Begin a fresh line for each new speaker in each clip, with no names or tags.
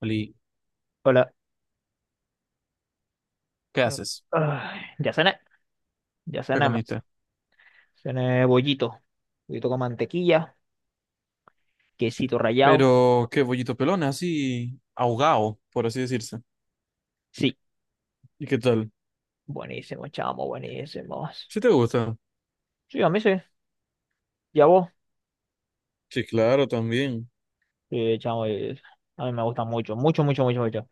Oli,
Hola.
¿qué
Mm,
haces?
ay, ya cené, ya
¿Qué
cené, ma.
comiste?
Cené bollito, bollito con mantequilla, quesito rallado.
Pero qué bollito pelón, así ahogado, por así decirse.
Sí,
¿Y qué tal?
buenísimo, chamo, buenísimo.
¿Sí te gusta?
Sí, a mí sí. ¿Y a vos?
Sí, claro, también.
Sí, chamo, a mí me gusta mucho, mucho, mucho, mucho, mucho.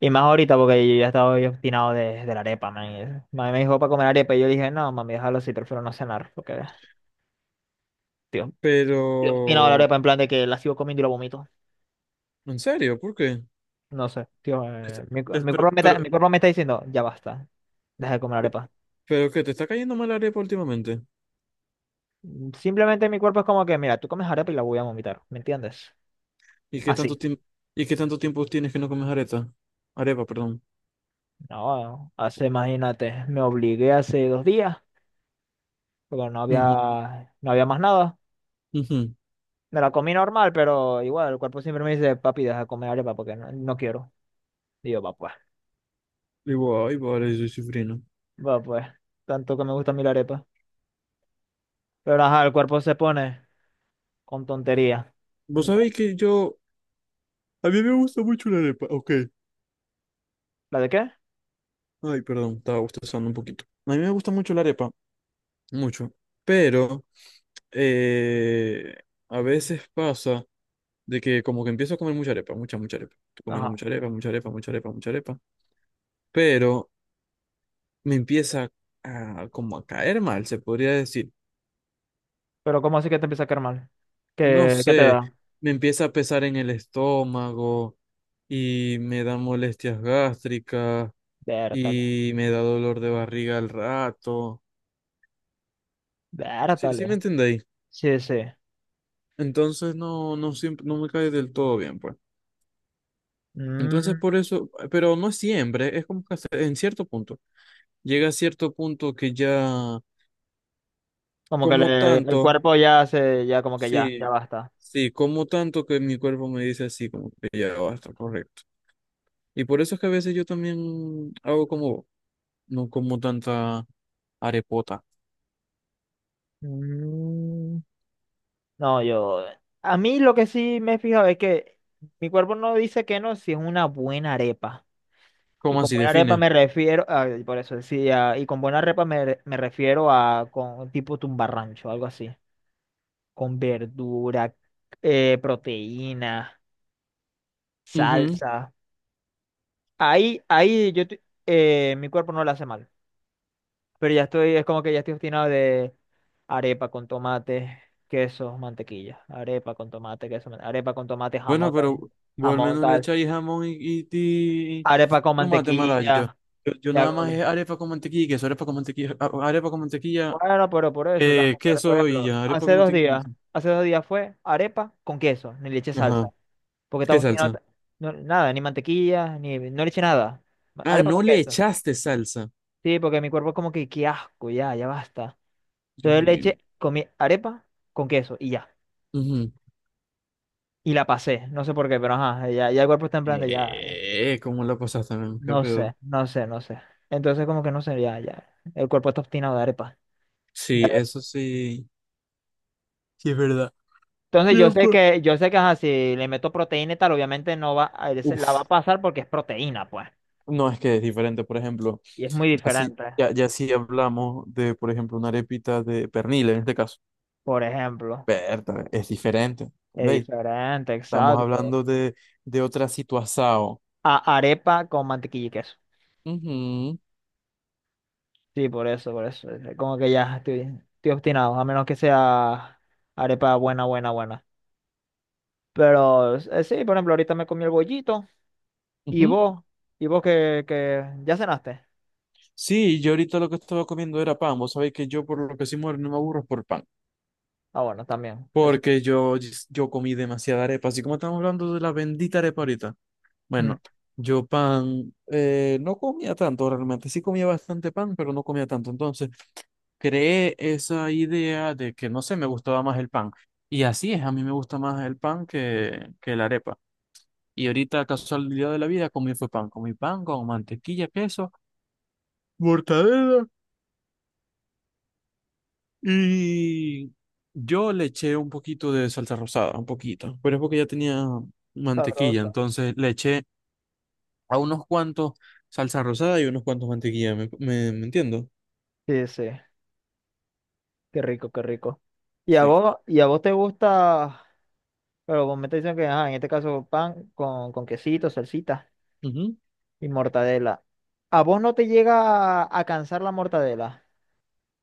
Y más ahorita porque yo ya estaba yo obstinado de la arepa, man. Mami me dijo para comer arepa y yo le dije, no, mami, déjalo así, prefiero no cenar. Porque tío, estoy obstinado de la
Pero,
arepa en plan de que la sigo comiendo y la vomito.
¿en serio? ¿Por qué?
No sé, tío,
Este-
eh, mi, cu-
te-
mi
Pero,
cuerpo me está, mi
pero,
cuerpo me está diciendo, ya basta, deja de comer
¿Qué-
arepa.
¿Pero qué? ¿Te está cayendo mal la arepa últimamente?
Simplemente mi cuerpo es como que, mira, tú comes arepa y la voy a vomitar, ¿me entiendes?
¿y qué tanto
Así.
tiempo y qué tanto tiempo tienes que no comes areta? Arepa, perdón.
No, hace, imagínate, me obligué hace 2 días, porque no
Ujú,
había, no había más nada.
ujú.
Me la comí normal, pero igual, el cuerpo siempre me dice, papi, deja de comer arepa porque no, no quiero. Y yo,
Digo, ay, vale, soy cifrino.
va pues, tanto que me gusta a mí la arepa. Pero ajá, el cuerpo se pone con tontería.
Vos
En plan,
sabéis que yo... A mí me gusta mucho la arepa, ok.
¿la de qué?
Ay, perdón, estaba bostezando un poquito. A mí me gusta mucho la arepa mucho. Pero eh, a veces pasa de que como que empiezo a comer mucha arepa, mucha, mucha arepa. Estoy comiendo
Ajá.
mucha arepa, mucha arepa, mucha arepa, mucha arepa. Pero me empieza como a caer mal, se podría decir.
Pero ¿cómo así que te empieza a caer mal?
No
¿Qué te
sé,
da?
me empieza a pesar en el estómago y me dan molestias gástricas
Vértale,
y me da dolor de barriga al rato. Sí, sí
vértale.
me entendéis.
Sí, sí.
Entonces no, no siempre, no me cae del todo bien, pues. Entonces,
Mm.
por eso, pero no siempre, es como que hasta en cierto punto. Llega a cierto punto que ya
Como que
como
el
tanto,
cuerpo ya se, ya como que ya, ya
sí,
basta.
sí, como tanto que mi cuerpo me dice así, como que ya basta, correcto. Y por eso es que a veces yo también hago como, vos, no como tanta arepota.
Mm, no, yo, a mí lo que sí me he fijado es que mi cuerpo no dice que no si es una buena arepa. Y
¿Cómo
con
así
buena arepa
define?
me refiero, a, por eso decía, y con buena arepa me refiero a con tipo tumbarrancho, algo así. Con verdura, proteína,
Ujú.
salsa. Ahí yo, mi cuerpo no le hace mal. Pero ya estoy, es como que ya estoy obstinado de arepa con tomate, queso, mantequilla. Arepa con tomate, queso, arepa con tomate,
Bueno,
jamón, tal,
pero vos al
jamón,
menos le
tal.
echáis jamón y, y, y-
Arepa
y
con
tomate malayo.
mantequilla,
Yo
ya
nada
como
más
que.
es arepa con mantequilla, y queso, arepa con mantequilla, arepa con mantequilla,
Bueno, pero por eso también, por
Queso y
ejemplo,
ya, arepa
hace
como
dos
te digas.
días, hace 2 días fue arepa con queso, ni le eché salsa,
Ajá.
porque estaba
¿Qué
obstinado,
salsa?
nada, ni mantequilla, ni, no le eché nada.
Ah,
Arepa
no
con
le
queso.
echaste salsa.
Sí, porque mi cuerpo como que, qué asco, ya, ya basta.
Dios
Entonces
mío.
comí arepa con queso y ya.
Ujú.
Y la pasé, no sé por qué, pero ajá, ya, ya el cuerpo está en plan de ya,
¿Cómo la pasaste, man? ¿Qué
no sé,
pedo?
no sé, no sé. Entonces como que no sé, ya, ya, el cuerpo está obstinado de arepa. Ya.
Sí, eso sí. Sí, es verdad.
Entonces yo
Ya,
sé
pues.
que, yo sé que ajá, si le meto proteína y tal, obviamente no va, se la va a
Uf,
pasar porque es proteína, pues.
no, es que es diferente, por ejemplo.
Y es muy
Ya sí,
diferente,
ya, ya si hablamos de, por ejemplo, una arepita de pernil en este caso.
por ejemplo.
Berta, es diferente.
Es
¿Veis?
diferente,
Estamos
exacto.
hablando de, otra situación.
A arepa con mantequilla y queso.
Ujú,
Sí, por eso, por eso es como que ya estoy, obstinado, a menos que sea arepa buena, buena, buena. Pero sí, por ejemplo, ahorita me comí el bollito. Y
ujú.
vos, y vos que ya cenaste.
Sí, yo ahorita lo que estaba comiendo era pan. Vos sabéis que yo por lo que sí muero no me aburro es por pan.
Ah, bueno, también. Eso.
Porque yo comí demasiada arepa. Así como estamos hablando de la bendita arepa ahorita.
Mm,
Bueno, yo pan no comía tanto realmente. Sí comía bastante pan, pero no comía tanto. Entonces creé esa idea de que, no sé, me gustaba más el pan. Y así es, a mí me gusta más el pan que la arepa. Y ahorita, casualidad de la vida, comí fue pan. Comí pan con mantequilla, queso, mortadela. Y yo le eché un poquito de salsa rosada, un poquito, pero es porque ya tenía mantequilla,
sabroso.
entonces le eché a unos cuantos salsa rosada y unos cuantos mantequilla, ¿Me entiendo?
Sí, sí. Qué rico, qué rico. Y a
Sí.
vos, y a vos te gusta, pero vos me te dicen que, ajá, en este caso pan con quesito, salsita
Ujú.
y mortadela. ¿A vos no te llega a cansar la mortadela?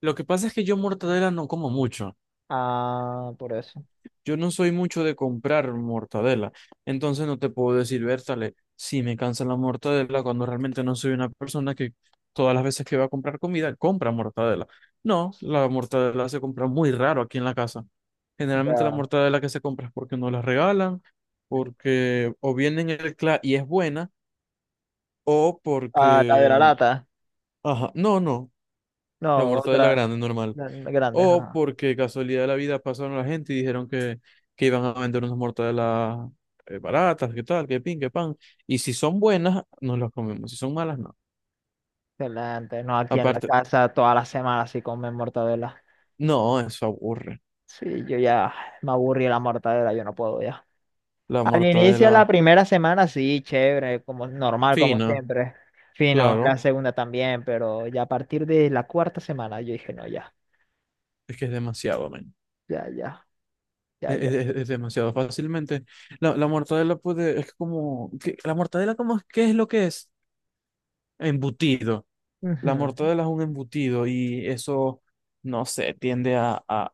Lo que pasa es que yo mortadela no como mucho.
Ah, por eso.
Yo no soy mucho de comprar mortadela, entonces no te puedo decir, Bertale, si me cansa la mortadela cuando realmente no soy una persona que todas las veces que va a comprar comida compra mortadela. No, la mortadela se compra muy raro aquí en la casa. Generalmente la
Ya.
mortadela que se compra es porque no la regalan, porque o viene en el CLA y es buena, o
Ah, la de la
porque...
lata.
Ajá, no, no, la
No,
mortadela
otra
grande normal.
la grande,
O
ajá.
porque casualidad de la vida pasaron la gente y dijeron que, iban a vender unas mortadelas baratas, que tal, que pin, que pan. Y si son buenas, nos las comemos. Si son malas, no.
Excelente. No, aquí en la
Aparte,
casa todas las semanas sí comen mortadela.
no, eso aburre.
Sí, yo ya me aburrí de la mortadela, yo no puedo ya.
La
Al inicio de
mortadela
la primera semana, sí, chévere, como normal, como
fina,
siempre. Fino, la
claro,
segunda también, pero ya a partir de la cuarta semana yo dije, no, ya,
es que es demasiado, men.
ya, ya, ya,
Es,
ya.
es- es demasiado fácilmente. La mortadela puede, es como, que, la mortadela como, ¿qué es lo que es? Embutido. La
Ujú.
mortadela es un embutido y eso, no sé, tiende a, a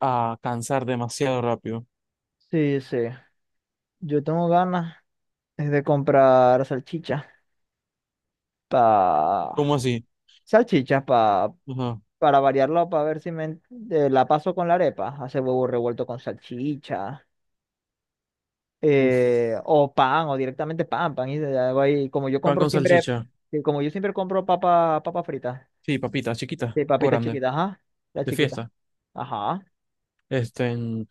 a cansar demasiado rápido.
Sí, sí. Yo tengo ganas es de comprar salchichas pa...
¿Cómo así?
salchichas pa...
Ajá.
para variarlo, para ver si me... la paso con la arepa. Hacer huevo revuelto con salchicha.
Uf.
O pan, o directamente pan, pan y de algo ahí. Como yo
Pan
compro
con
siempre,
salchicha.
sí, como yo siempre compro papa, papa frita,
Sí, papita, chiquita
sí,
o
papita
grande,
chiquita, ajá, la
de
chiquita,
fiesta.
ajá.
Este, en-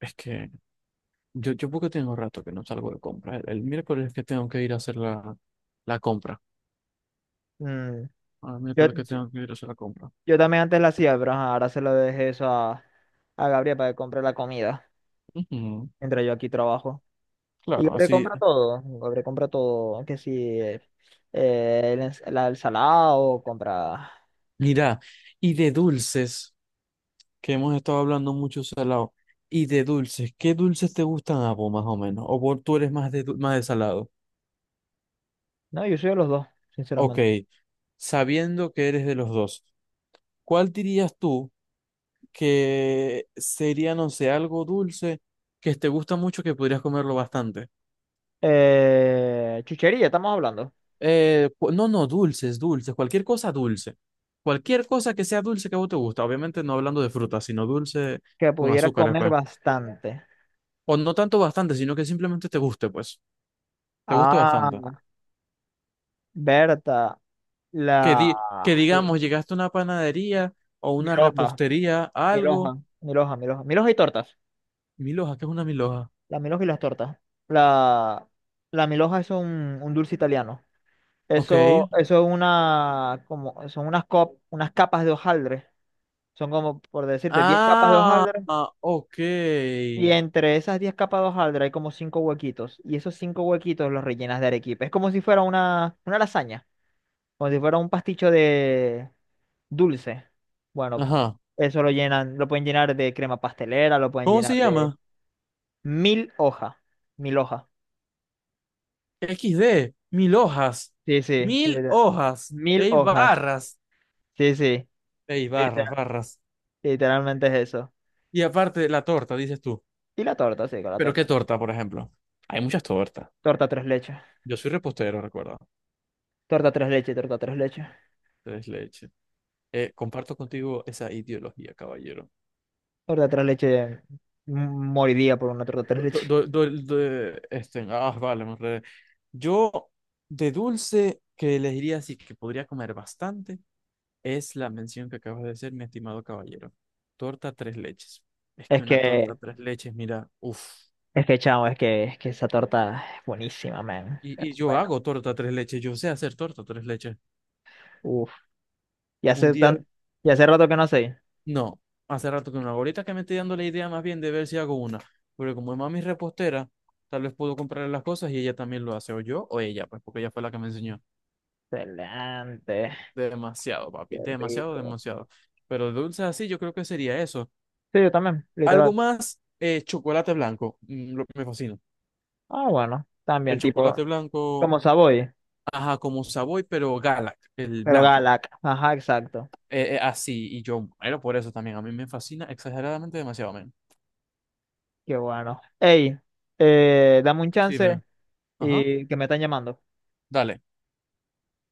es que yo porque tengo rato que no salgo de compra. El miércoles que tengo que ir a hacer la compra.
Mm,
Ah, el
Yo,
miércoles que
yo,
tengo que ir a hacer la compra.
yo también antes la hacía, pero ajá, ahora se lo dejé eso a Gabriel para que compre la comida,
Ujú,
mientras yo aquí trabajo. Y
claro, así.
Gabriel compra todo, que si la ensalada o compra...
Mira, y de dulces, que hemos estado hablando mucho salado. Y de dulces, ¿qué dulces te gustan a vos más o menos? ¿O vos tú eres más de salado?
No, yo soy de los dos,
Ok,
sinceramente.
sabiendo que eres de los dos, ¿cuál dirías tú que sería, no sé, algo dulce que te gusta mucho que podrías comerlo bastante?
Chuchería, estamos hablando,
No, no, dulces, dulces, cualquier cosa dulce. Cualquier cosa que sea dulce que a vos te gusta. Obviamente no hablando de frutas, sino dulce
que
con
pudiera
azúcares,
comer
pues.
bastante.
O no tanto bastante, sino que simplemente te guste, pues. Te guste
Ah,
bastante.
Berta,
Que
la
di- que digamos, llegaste a una panadería o una
Miloja,
repostería, algo.
Miloja, Miloja, Miloja, Miloja y tortas.
Milhoja, ¿qué es una milhoja?
La Miloja y las tortas. La, la Miloja es un dulce italiano.
Ok.
Eso es una, como, son unas, cop- unas capas de hojaldre. Son como, por decirte, 10 capas de
Ah,
hojaldre.
ah, ok.
Y entre esas 10 capas de hojaldre hay como 5 huequitos. Y esos 5 huequitos los rellenas de arequipe. Es como si fuera una lasaña. Como si fuera un pasticho dulce. Bueno,
Ajá.
eso lo llenan, lo pueden llenar de crema pastelera, lo pueden
¿Cómo se
llenar de
llama?
mil hojas. Mil hojas.
XD. Mil hojas.
Sí, sí.
Mil
Literal.
hojas.
Mil
Ey,
hojas.
barras.
Sí, sí.
Ey, barras,
literal-
barras.
literalmente es eso.
Y aparte, la torta, dices tú.
Y la torta, sí, con la
¿Pero qué
torta, ¿no?
torta, por ejemplo? Hay muchas tortas.
Torta tres leches.
Yo soy repostero, recuerda.
Torta tres leches, torta tres leches.
Tres leche. Comparto contigo esa ideología, caballero.
Torta tres leches. mm, Moriría por una torta tres
Do-
leches.
do- do- do- do- este, ah, vale, me enredé. Yo, de dulce, que elegiría así que podría comer bastante. Es la mención que acabas de hacer, mi estimado caballero. Torta tres leches. Es
Es
que una torta
que,
tres leches, mira, uff.
es que, chamo, es que esa torta es buenísima, man.
Y yo
Bueno,
hago torta tres leches, yo sé hacer torta tres leches.
uff. Y
Un
hace
día,
tan, y hace rato que no sé.
no, hace rato que no hago. Ahorita que me estoy dando la idea más bien de ver si hago una. Pero como mami es repostera, tal vez puedo comprarle las cosas y ella también lo hace, o yo o ella, pues porque ella fue la que me enseñó.
Excelente.
Demasiado,
Qué
papi, demasiado,
rico.
demasiado. Pero de dulces así, yo creo que sería eso.
Sí, yo también,
Algo
literal.
más, chocolate blanco. Que me fascina.
Ah, bueno,
El
también, tipo,
chocolate blanco.
como Savoy,
Ajá, como Savoy, pero Galak, el
pero
blanco.
Galak. Ajá, exacto.
Así, y yo muero por eso también. A mí me fascina exageradamente demasiado, men.
Qué bueno. Ey, dame un
Pero sí,
chance
men. Ajá.
y que me están llamando.
Dale.